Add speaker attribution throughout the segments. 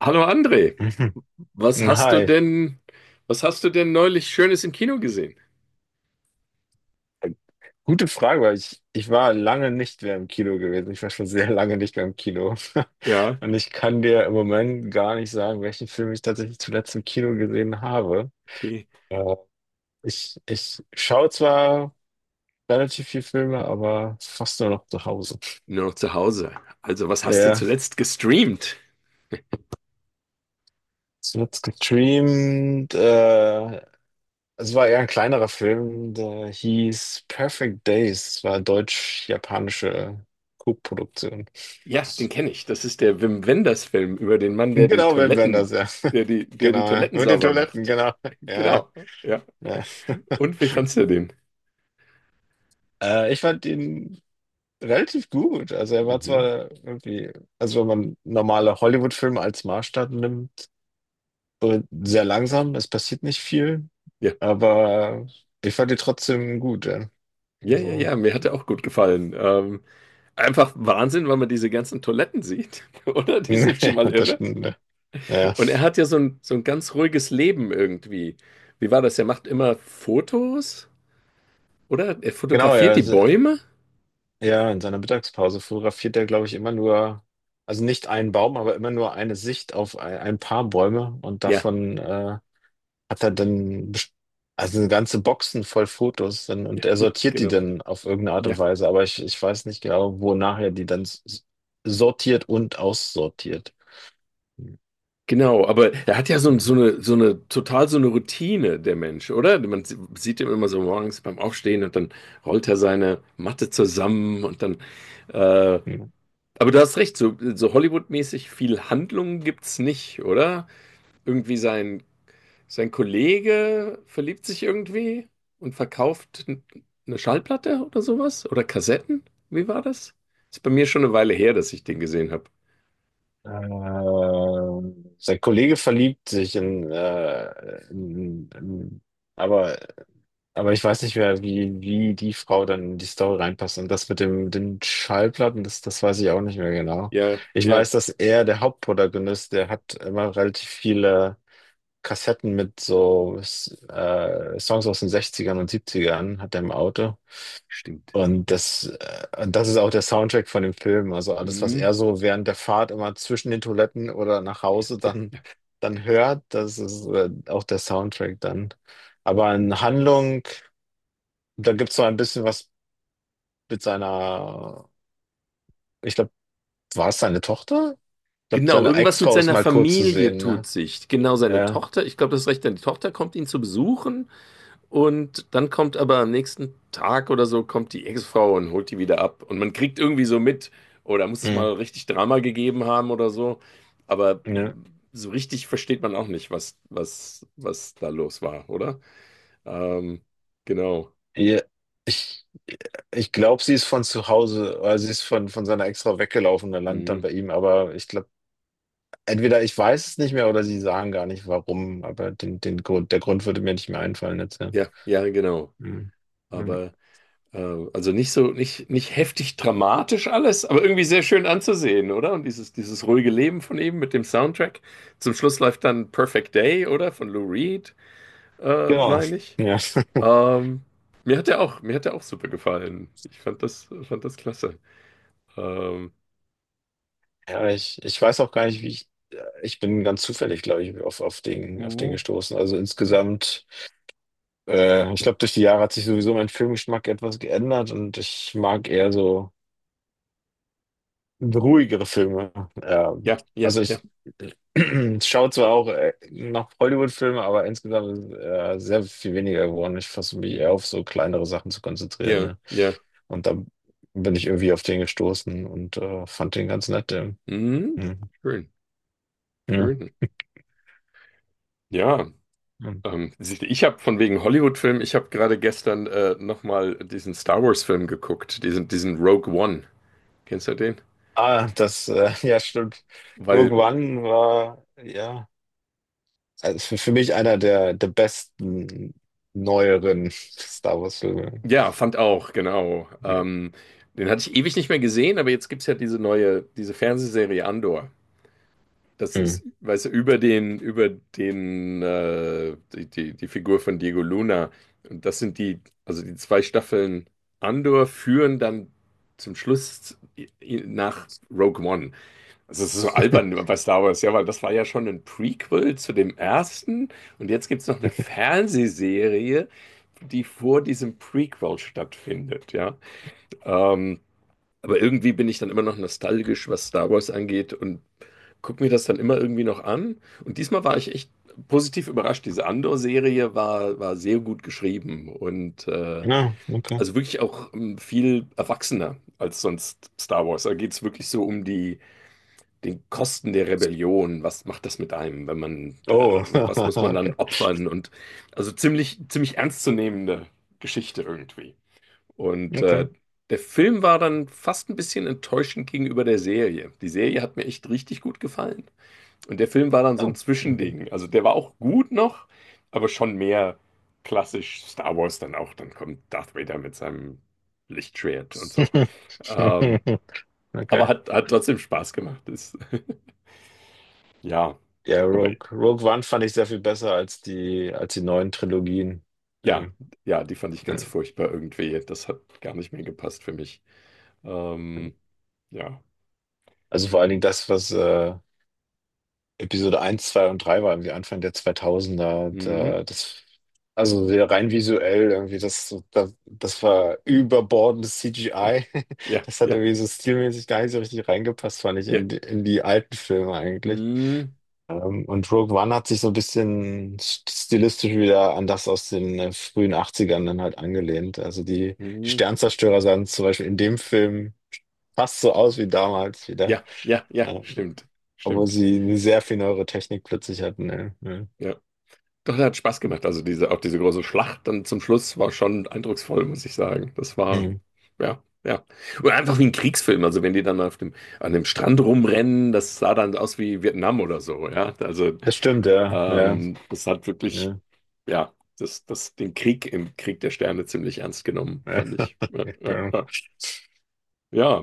Speaker 1: Hallo André,
Speaker 2: Mhm.
Speaker 1: was hast
Speaker 2: Na,
Speaker 1: du denn, was hast du denn neulich Schönes im Kino gesehen?
Speaker 2: gute Frage, weil ich war lange nicht mehr im Kino gewesen. Ich war schon sehr lange nicht mehr im Kino.
Speaker 1: Ja,
Speaker 2: Und ich kann dir im Moment gar nicht sagen, welchen Film ich tatsächlich zuletzt im Kino gesehen habe.
Speaker 1: okay.
Speaker 2: Äh, ich schaue zwar relativ viel Filme, aber fast nur noch zu Hause.
Speaker 1: Nur noch zu Hause. Also, was hast du
Speaker 2: Ja,
Speaker 1: zuletzt gestreamt?
Speaker 2: zuletzt gestreamt. Es war eher ein kleinerer Film, der hieß Perfect Days. Es war eine deutsch-japanische Co-Produktion.
Speaker 1: Ja, den kenne ich. Das ist der Wim Wenders-Film über den Mann, der die
Speaker 2: Genau, Wim Wenders,
Speaker 1: Toiletten,
Speaker 2: ja.
Speaker 1: der die, der die
Speaker 2: Genau, ja.
Speaker 1: Toiletten
Speaker 2: Mit den
Speaker 1: sauber
Speaker 2: Toiletten,
Speaker 1: macht.
Speaker 2: genau. Ja,
Speaker 1: Genau. Ja.
Speaker 2: ja.
Speaker 1: Und wie fandst du den?
Speaker 2: Ich fand ihn relativ gut. Also er war
Speaker 1: Mhm.
Speaker 2: zwar irgendwie, also wenn man normale Hollywood-Filme als Maßstab nimmt, so sehr langsam, es passiert nicht viel,
Speaker 1: Ja.
Speaker 2: aber ich fand ihn trotzdem gut, ja.
Speaker 1: Ja, ja,
Speaker 2: Also,
Speaker 1: ja, mir hat er auch gut gefallen. Einfach Wahnsinn, weil man diese ganzen Toiletten sieht, oder? Die sind schon mal
Speaker 2: ja, das
Speaker 1: irre.
Speaker 2: stimmt. Ja. Ja.
Speaker 1: Und er hat ja so ein ganz ruhiges Leben irgendwie. Wie war das? Er macht immer Fotos, oder? Er
Speaker 2: Genau, ja.
Speaker 1: fotografiert die
Speaker 2: Also,
Speaker 1: Bäume?
Speaker 2: ja, in seiner Mittagspause fotografiert er, glaube ich, immer nur, also nicht einen Baum, aber immer nur eine Sicht auf ein paar Bäume und
Speaker 1: Ja,
Speaker 2: davon hat er dann best- also eine ganze Boxen voll Fotos dann, und
Speaker 1: ja,
Speaker 2: er
Speaker 1: ja,
Speaker 2: sortiert die
Speaker 1: genau.
Speaker 2: dann auf irgendeine Art und
Speaker 1: Ja,
Speaker 2: Weise, aber ich weiß nicht genau, wonach er die dann sortiert und aussortiert. Hm,
Speaker 1: genau. Aber er hat ja so, ein-
Speaker 2: hm,
Speaker 1: so eine, so eine, total so eine Routine, der Mensch, oder? Man sieht ihn immer so morgens beim Aufstehen und dann rollt er seine Matte zusammen und dann. Äh,
Speaker 2: hm.
Speaker 1: aber du hast recht, so Hollywood-mäßig viel Handlung gibt's nicht, oder? Irgendwie sein Kollege verliebt sich irgendwie und verkauft eine Schallplatte oder sowas? Oder Kassetten? Wie war das? Ist bei mir schon eine Weile her, dass ich den gesehen habe.
Speaker 2: Sein Kollege verliebt sich in, in aber. Aber ich weiß nicht mehr, wie die Frau dann in die Story reinpasst. Und das mit dem, den Schallplatten, das weiß ich auch nicht mehr genau.
Speaker 1: Ja,
Speaker 2: Ich
Speaker 1: ja,
Speaker 2: weiß, dass er, der Hauptprotagonist, der hat immer relativ viele Kassetten mit so Songs aus den Sechzigern und Siebzigern hat er im Auto.
Speaker 1: stimmt.
Speaker 2: Und
Speaker 1: Ja.
Speaker 2: das, äh, und das ist auch der Soundtrack von dem Film. Also alles, was
Speaker 1: Mhm.
Speaker 2: er so während der Fahrt immer zwischen den Toiletten oder nach
Speaker 1: Ja,
Speaker 2: Hause
Speaker 1: ja,
Speaker 2: dann,
Speaker 1: ja.
Speaker 2: dann hört, das ist auch der Soundtrack dann. Aber in Handlung. Da gibt es noch ein bisschen was mit seiner, ich glaube, war es seine Tochter? Ich glaube,
Speaker 1: Genau,
Speaker 2: seine
Speaker 1: irgendwas mit
Speaker 2: Ex-Frau ist
Speaker 1: seiner
Speaker 2: mal kurz zu
Speaker 1: Familie
Speaker 2: sehen,
Speaker 1: tut
Speaker 2: ne?
Speaker 1: sich. Genau, seine
Speaker 2: Ja.
Speaker 1: Tochter. Ich glaube, das ist recht, denn die Tochter kommt ihn zu besuchen. Und dann kommt aber am nächsten Tag oder so, kommt die Ex-Frau und holt die wieder ab. Und man kriegt irgendwie so mit, oder muss es
Speaker 2: Hm.
Speaker 1: mal richtig Drama gegeben haben oder so. Aber
Speaker 2: Ne?
Speaker 1: so richtig versteht man auch nicht, was da los war, oder? Ähm, genau.
Speaker 2: Ja. Ich, ich glaube, sie ist von zu Hause, oder sie ist von seiner Ex-Frau weggelaufen und landet dann
Speaker 1: Mhm.
Speaker 2: bei ihm, aber ich glaube, entweder ich weiß es nicht mehr oder sie sagen gar nicht warum, aber den Grund, der Grund würde mir nicht mehr einfallen jetzt, ja.
Speaker 1: Ja, ja, genau.
Speaker 2: Hm. Ja.
Speaker 1: Aber äh, also nicht so, nicht, nicht heftig dramatisch alles, aber irgendwie sehr schön anzusehen, oder? Und dieses ruhige Leben von ihm mit dem Soundtrack. Zum Schluss läuft dann Perfect Day, oder? Von Lou Reed,
Speaker 2: Genau.
Speaker 1: meine ich.
Speaker 2: Ja.
Speaker 1: Ähm, mir hat der auch super gefallen. Ich fand das klasse. Ähm,
Speaker 2: Ja, ich weiß auch gar nicht, wie ich. Ich bin ganz zufällig, glaube ich, auf den
Speaker 1: uh,
Speaker 2: gestoßen. Also insgesamt, ich glaube, durch die Jahre hat sich sowieso mein Filmgeschmack etwas geändert und ich mag eher so ruhigere Filme. Ähm,
Speaker 1: ja, ja,
Speaker 2: also
Speaker 1: ja.
Speaker 2: ich schaue zwar auch noch Hollywood-Filme, aber insgesamt ist sehr viel weniger geworden. Ich versuche mich eher
Speaker 1: Mhm.
Speaker 2: auf so kleinere Sachen zu konzentrieren,
Speaker 1: Ja,
Speaker 2: ne?
Speaker 1: ja.
Speaker 2: Und da bin ich irgendwie auf den gestoßen und fand den ganz nett. Den.
Speaker 1: Mhm.
Speaker 2: Hm.
Speaker 1: Schön,
Speaker 2: Ja.
Speaker 1: schön. Ja,
Speaker 2: Hm.
Speaker 1: siehst du, ich habe von wegen Hollywood-Film, ich habe gerade gestern nochmal diesen Star Wars-Film geguckt, diesen Rogue One. Kennst du den?
Speaker 2: Ah, ja, stimmt.
Speaker 1: Weil,
Speaker 2: Rogue One war, ja, also für mich einer der besten neueren Star Wars-Filme.
Speaker 1: ja, fand auch, genau. Den hatte ich ewig nicht mehr gesehen, aber jetzt gibt es ja diese neue, diese Fernsehserie Andor. Das
Speaker 2: Hm.
Speaker 1: ist, weißt du, über den, die, die, die Figur von Diego Luna. Und das sind also die zwei Staffeln Andor führen dann zum Schluss nach Rogue One. Also es ist so albern bei Star Wars, ja, weil das war ja schon ein Prequel zu dem ersten. Und jetzt gibt es noch eine Fernsehserie, die vor diesem Prequel stattfindet, ja. Ähm, aber irgendwie bin ich dann immer noch nostalgisch, was Star Wars angeht und guck mir das dann immer irgendwie noch an. Und diesmal war ich echt positiv überrascht. Diese Andor-Serie war sehr gut geschrieben und
Speaker 2: Ja, okay.
Speaker 1: also wirklich auch viel erwachsener als sonst Star Wars. Da geht es wirklich so um die den Kosten der Rebellion. Was macht das mit einem, wenn man,
Speaker 2: Oh,
Speaker 1: was muss man
Speaker 2: okay.
Speaker 1: dann opfern? Und also ziemlich, ziemlich ernstzunehmende Geschichte irgendwie. Und
Speaker 2: Okay.
Speaker 1: der Film war dann fast ein bisschen enttäuschend gegenüber der Serie. Die Serie hat mir echt richtig gut gefallen. Und der Film war dann so ein
Speaker 2: Oh, okay.
Speaker 1: Zwischending. Also der war auch gut noch, aber schon mehr klassisch Star Wars dann auch. Dann kommt Darth Vader mit seinem Lichtschwert und so. Ähm, aber
Speaker 2: Okay.
Speaker 1: hat trotzdem Spaß gemacht. Ist, ja,
Speaker 2: Ja,
Speaker 1: aber
Speaker 2: Rogue One fand ich sehr viel besser als die neuen Trilogien.
Speaker 1: ja,
Speaker 2: Ähm,
Speaker 1: ja, die fand ich ganz
Speaker 2: ja.
Speaker 1: furchtbar irgendwie. Das hat gar nicht mehr gepasst für mich. Ähm, ja.
Speaker 2: Also vor allen Dingen Episode eins, 2 und 3 war irgendwie Anfang der zweitausender.
Speaker 1: Hm,
Speaker 2: Da, also sehr rein visuell irgendwie, das war überbordendes
Speaker 1: ja,
Speaker 2: CGI.
Speaker 1: ja,
Speaker 2: Das hat
Speaker 1: ja,
Speaker 2: irgendwie so stilmäßig gar nicht so richtig reingepasst, fand ich,
Speaker 1: ja.
Speaker 2: in die alten Filme eigentlich.
Speaker 1: Hm,
Speaker 2: Und Rogue One hat sich so ein bisschen stilistisch wieder an das aus den frühen Achtzigern dann halt angelehnt. Also die
Speaker 1: hm,
Speaker 2: Sternzerstörer sahen zum Beispiel in dem Film fast so aus wie damals wieder.
Speaker 1: ja, ja, ja,
Speaker 2: Ähm,
Speaker 1: stimmt,
Speaker 2: Obwohl
Speaker 1: stimmt.
Speaker 2: sie eine sehr viel neuere Technik plötzlich hatten, ne? Ja.
Speaker 1: Ja. Doch, der hat Spaß gemacht. Also auch diese große Schlacht dann zum Schluss war schon eindrucksvoll, muss ich sagen. Das war,
Speaker 2: Hm.
Speaker 1: ja, ja. Oder einfach wie ein Kriegsfilm. Also wenn die dann an dem Strand rumrennen, das sah dann aus wie Vietnam oder so, ja. Also
Speaker 2: Das stimmt, ja. Ja,
Speaker 1: das hat wirklich,
Speaker 2: ja.
Speaker 1: ja, den Krieg im Krieg der Sterne ziemlich ernst genommen,
Speaker 2: Ja,
Speaker 1: fand ich. Ja,
Speaker 2: ja,
Speaker 1: ja,
Speaker 2: genau.
Speaker 1: ja. Ja,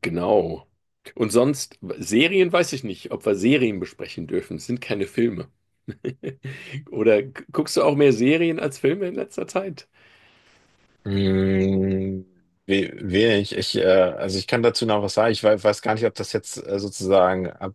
Speaker 1: genau. Und sonst, Serien weiß ich nicht, ob wir Serien besprechen dürfen. Es sind keine Filme. Oder guckst du auch mehr Serien als Filme in letzter Zeit?
Speaker 2: Hm, wenig. Also ich kann dazu noch was sagen. Ich weiß gar nicht, ob das jetzt sozusagen, ob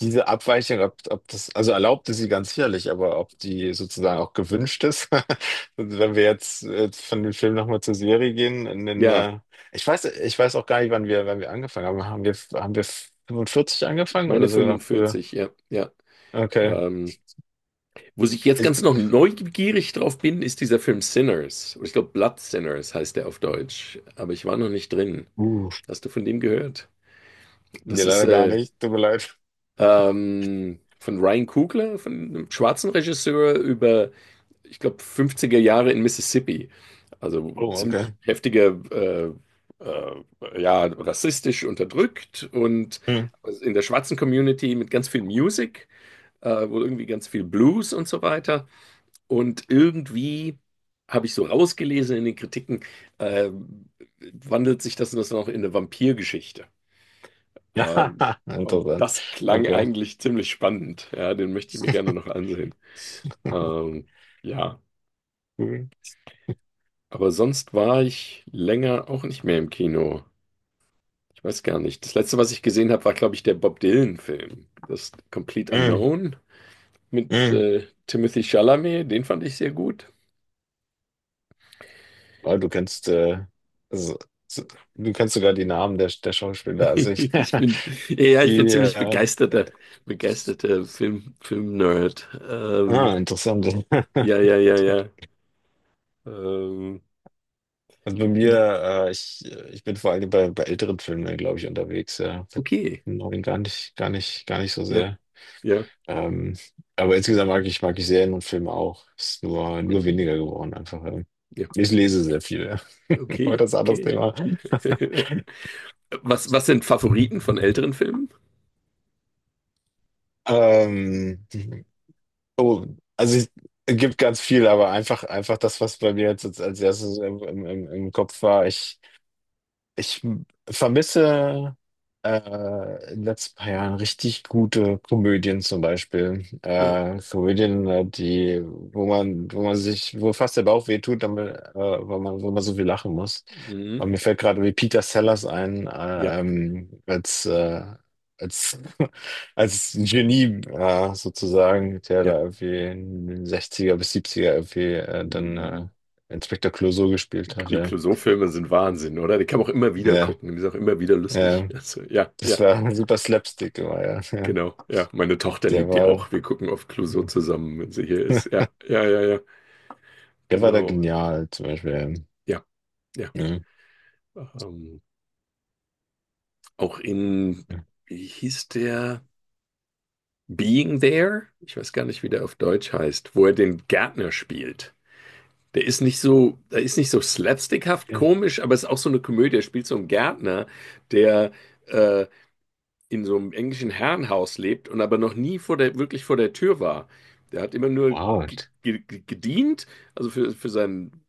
Speaker 2: diese Abweichung, ob das, also erlaubt ist sie ganz sicherlich, aber ob die sozusagen auch gewünscht ist. Und wenn wir jetzt von dem Film nochmal zur Serie gehen,
Speaker 1: Ja,
Speaker 2: ich weiß auch gar nicht, wann wir angefangen haben. Haben wir 45
Speaker 1: ich
Speaker 2: angefangen
Speaker 1: meine
Speaker 2: oder sogar noch früher?
Speaker 1: 45, ja, ja.
Speaker 2: Okay.
Speaker 1: Ähm, wo ich jetzt
Speaker 2: Ich,
Speaker 1: ganz noch neugierig drauf bin, ist dieser Film Sinners. Oder ich glaube, Blood Sinners heißt der auf Deutsch. Aber ich war noch nicht drin.
Speaker 2: uh,
Speaker 1: Hast du von dem gehört?
Speaker 2: Nee,
Speaker 1: Das ist
Speaker 2: leider gar nicht. Tut mir leid.
Speaker 1: von Ryan Coogler, von einem schwarzen Regisseur, über ich glaube, 50er Jahre in Mississippi. Also
Speaker 2: Oh,
Speaker 1: ziemlich
Speaker 2: okay.
Speaker 1: heftiger, äh, ja, rassistisch unterdrückt und
Speaker 2: Hm.
Speaker 1: in der schwarzen Community mit ganz viel Music, wohl irgendwie ganz viel Blues und so weiter. Und irgendwie habe ich so rausgelesen in den Kritiken, äh, wandelt sich das noch in eine Vampirgeschichte. Ähm,
Speaker 2: Ja,
Speaker 1: und
Speaker 2: interessant.
Speaker 1: das klang
Speaker 2: Okay.
Speaker 1: eigentlich ziemlich spannend. Ja, den möchte ich mir gerne noch ansehen. Ähm, ja.
Speaker 2: Cool.
Speaker 1: Aber sonst war ich länger auch nicht mehr im Kino. Ich weiß gar nicht. Das letzte, was ich gesehen habe, war, glaube ich, der Bob Dylan-Film. Das Complete
Speaker 2: Hm,
Speaker 1: Unknown mit
Speaker 2: hm.
Speaker 1: Timothy Chalamet. Den fand ich sehr gut.
Speaker 2: Oh, so, so, du kennst sogar die Namen der Schauspieler.
Speaker 1: Ich bin, ja, ich bin
Speaker 2: Die,
Speaker 1: ziemlich
Speaker 2: äh, äh,
Speaker 1: begeisterter Film-Nerd. Ähm,
Speaker 2: Interessant.
Speaker 1: ja, ja, ja, ja. Ähm,
Speaker 2: Also bei mir, äh, ich, ich bin vor allem bei älteren Filmen, glaube ich, unterwegs. Ja. Bei
Speaker 1: okay.
Speaker 2: neuen gar nicht, gar nicht, gar nicht so
Speaker 1: Ja,
Speaker 2: sehr.
Speaker 1: ja.
Speaker 2: Ähm, aber insgesamt mag ich Serien und Filme auch. Ist nur
Speaker 1: Mhm.
Speaker 2: weniger geworden einfach.
Speaker 1: Ja,
Speaker 2: Ich lese sehr viel. Aber
Speaker 1: okay,
Speaker 2: das ist ein anderes
Speaker 1: okay.
Speaker 2: Thema.
Speaker 1: Was sind Favoriten von älteren Filmen?
Speaker 2: Ähm, oh, also ich, es gibt ganz viel, aber einfach das, was bei mir jetzt als erstes im Kopf war. Ich vermisse in den letzten paar Jahren richtig gute Komödien zum Beispiel.
Speaker 1: Okay.
Speaker 2: Komödien, die, wo man sich, wo fast der Bauch weh tut, damit, weil man, wo man so viel lachen muss.
Speaker 1: Mhm.
Speaker 2: Und mir fällt gerade wie Peter Sellers ein,
Speaker 1: Ja.
Speaker 2: als, als Genie sozusagen, der
Speaker 1: Ja.
Speaker 2: da irgendwie in den sechziger bis siebziger irgendwie dann
Speaker 1: Die
Speaker 2: Inspektor Clouseau gespielt hatte.
Speaker 1: Clouseau-Filme sind Wahnsinn, oder? Die kann man auch immer
Speaker 2: Ja,
Speaker 1: wieder gucken. Die sind auch immer wieder
Speaker 2: ja.
Speaker 1: lustig.
Speaker 2: Ja.
Speaker 1: Also, ja, ja,
Speaker 2: Das war super Slapstick immer, ja. Ja.
Speaker 1: genau. Ja, meine Tochter
Speaker 2: Der
Speaker 1: liebt die
Speaker 2: war,
Speaker 1: auch. Wir gucken oft Clouseau zusammen, wenn sie hier ist. Ja, ja, ja, ja,
Speaker 2: Der war da
Speaker 1: genau.
Speaker 2: genial, zum Beispiel.
Speaker 1: Ja, ja.
Speaker 2: Ja.
Speaker 1: Ähm, auch in,
Speaker 2: Ja.
Speaker 1: wie hieß der? Being There? Ich weiß gar nicht, wie der auf Deutsch heißt, wo er den Gärtner spielt. Der ist nicht so slapstickhaft
Speaker 2: Ja.
Speaker 1: komisch, aber es ist auch so eine Komödie. Er spielt so einen Gärtner, der äh, in so einem englischen Herrenhaus lebt und aber noch nie wirklich vor der Tür war. Der hat immer nur
Speaker 2: Wow.
Speaker 1: ge- ge- gedient, also für seinen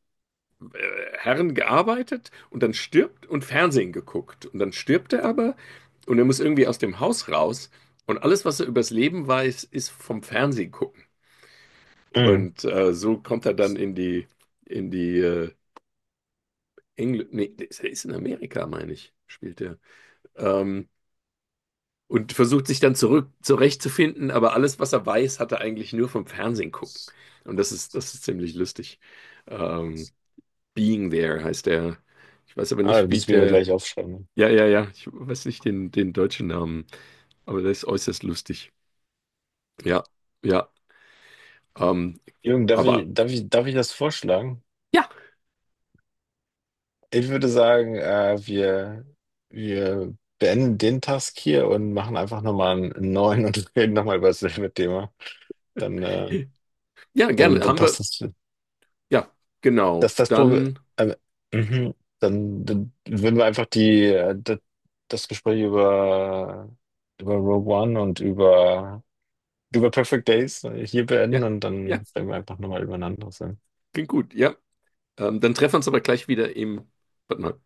Speaker 1: Herren gearbeitet und dann stirbt und Fernsehen geguckt. Und dann stirbt er aber und er muss irgendwie aus dem Haus raus und alles, was er übers Leben weiß, ist vom Fernsehen gucken.
Speaker 2: Mhm.
Speaker 1: Und so kommt er dann in die äh, nee, der ist er ist in Amerika, meine ich, spielt er. Ähm, und versucht sich dann zurück zurechtzufinden, aber alles, was er weiß, hat er eigentlich nur vom Fernsehen gucken. Und das ist ziemlich lustig. Ähm, Being There heißt der. Ich weiß aber
Speaker 2: Ah, du
Speaker 1: nicht, wie
Speaker 2: bist mir
Speaker 1: der.
Speaker 2: gleich aufschreiben.
Speaker 1: Ja, ja, ja. Ich weiß nicht den deutschen Namen, aber der ist äußerst lustig. Ja, ja. Ähm,
Speaker 2: Jürgen, darf ich,
Speaker 1: aber
Speaker 2: darf ich, darf ich das vorschlagen?
Speaker 1: ja,
Speaker 2: Ich würde sagen, wir, beenden den Task hier und machen einfach nochmal einen neuen und reden nochmal über dasselbe Thema. Dann,
Speaker 1: ja,
Speaker 2: dann,
Speaker 1: gerne.
Speaker 2: dann
Speaker 1: Haben
Speaker 2: passt
Speaker 1: wir.
Speaker 2: das.
Speaker 1: Ja,
Speaker 2: Das
Speaker 1: genau.
Speaker 2: ist das Problem.
Speaker 1: Dann.
Speaker 2: Ähm, mhm. Dann würden wir einfach das Gespräch über Rogue One und über Perfect Days hier beenden
Speaker 1: Ja,
Speaker 2: und dann
Speaker 1: ja,
Speaker 2: reden wir einfach nochmal über ein anderes.
Speaker 1: klingt gut. Ja. Dann treffen wir uns aber gleich wieder im. Warte mal.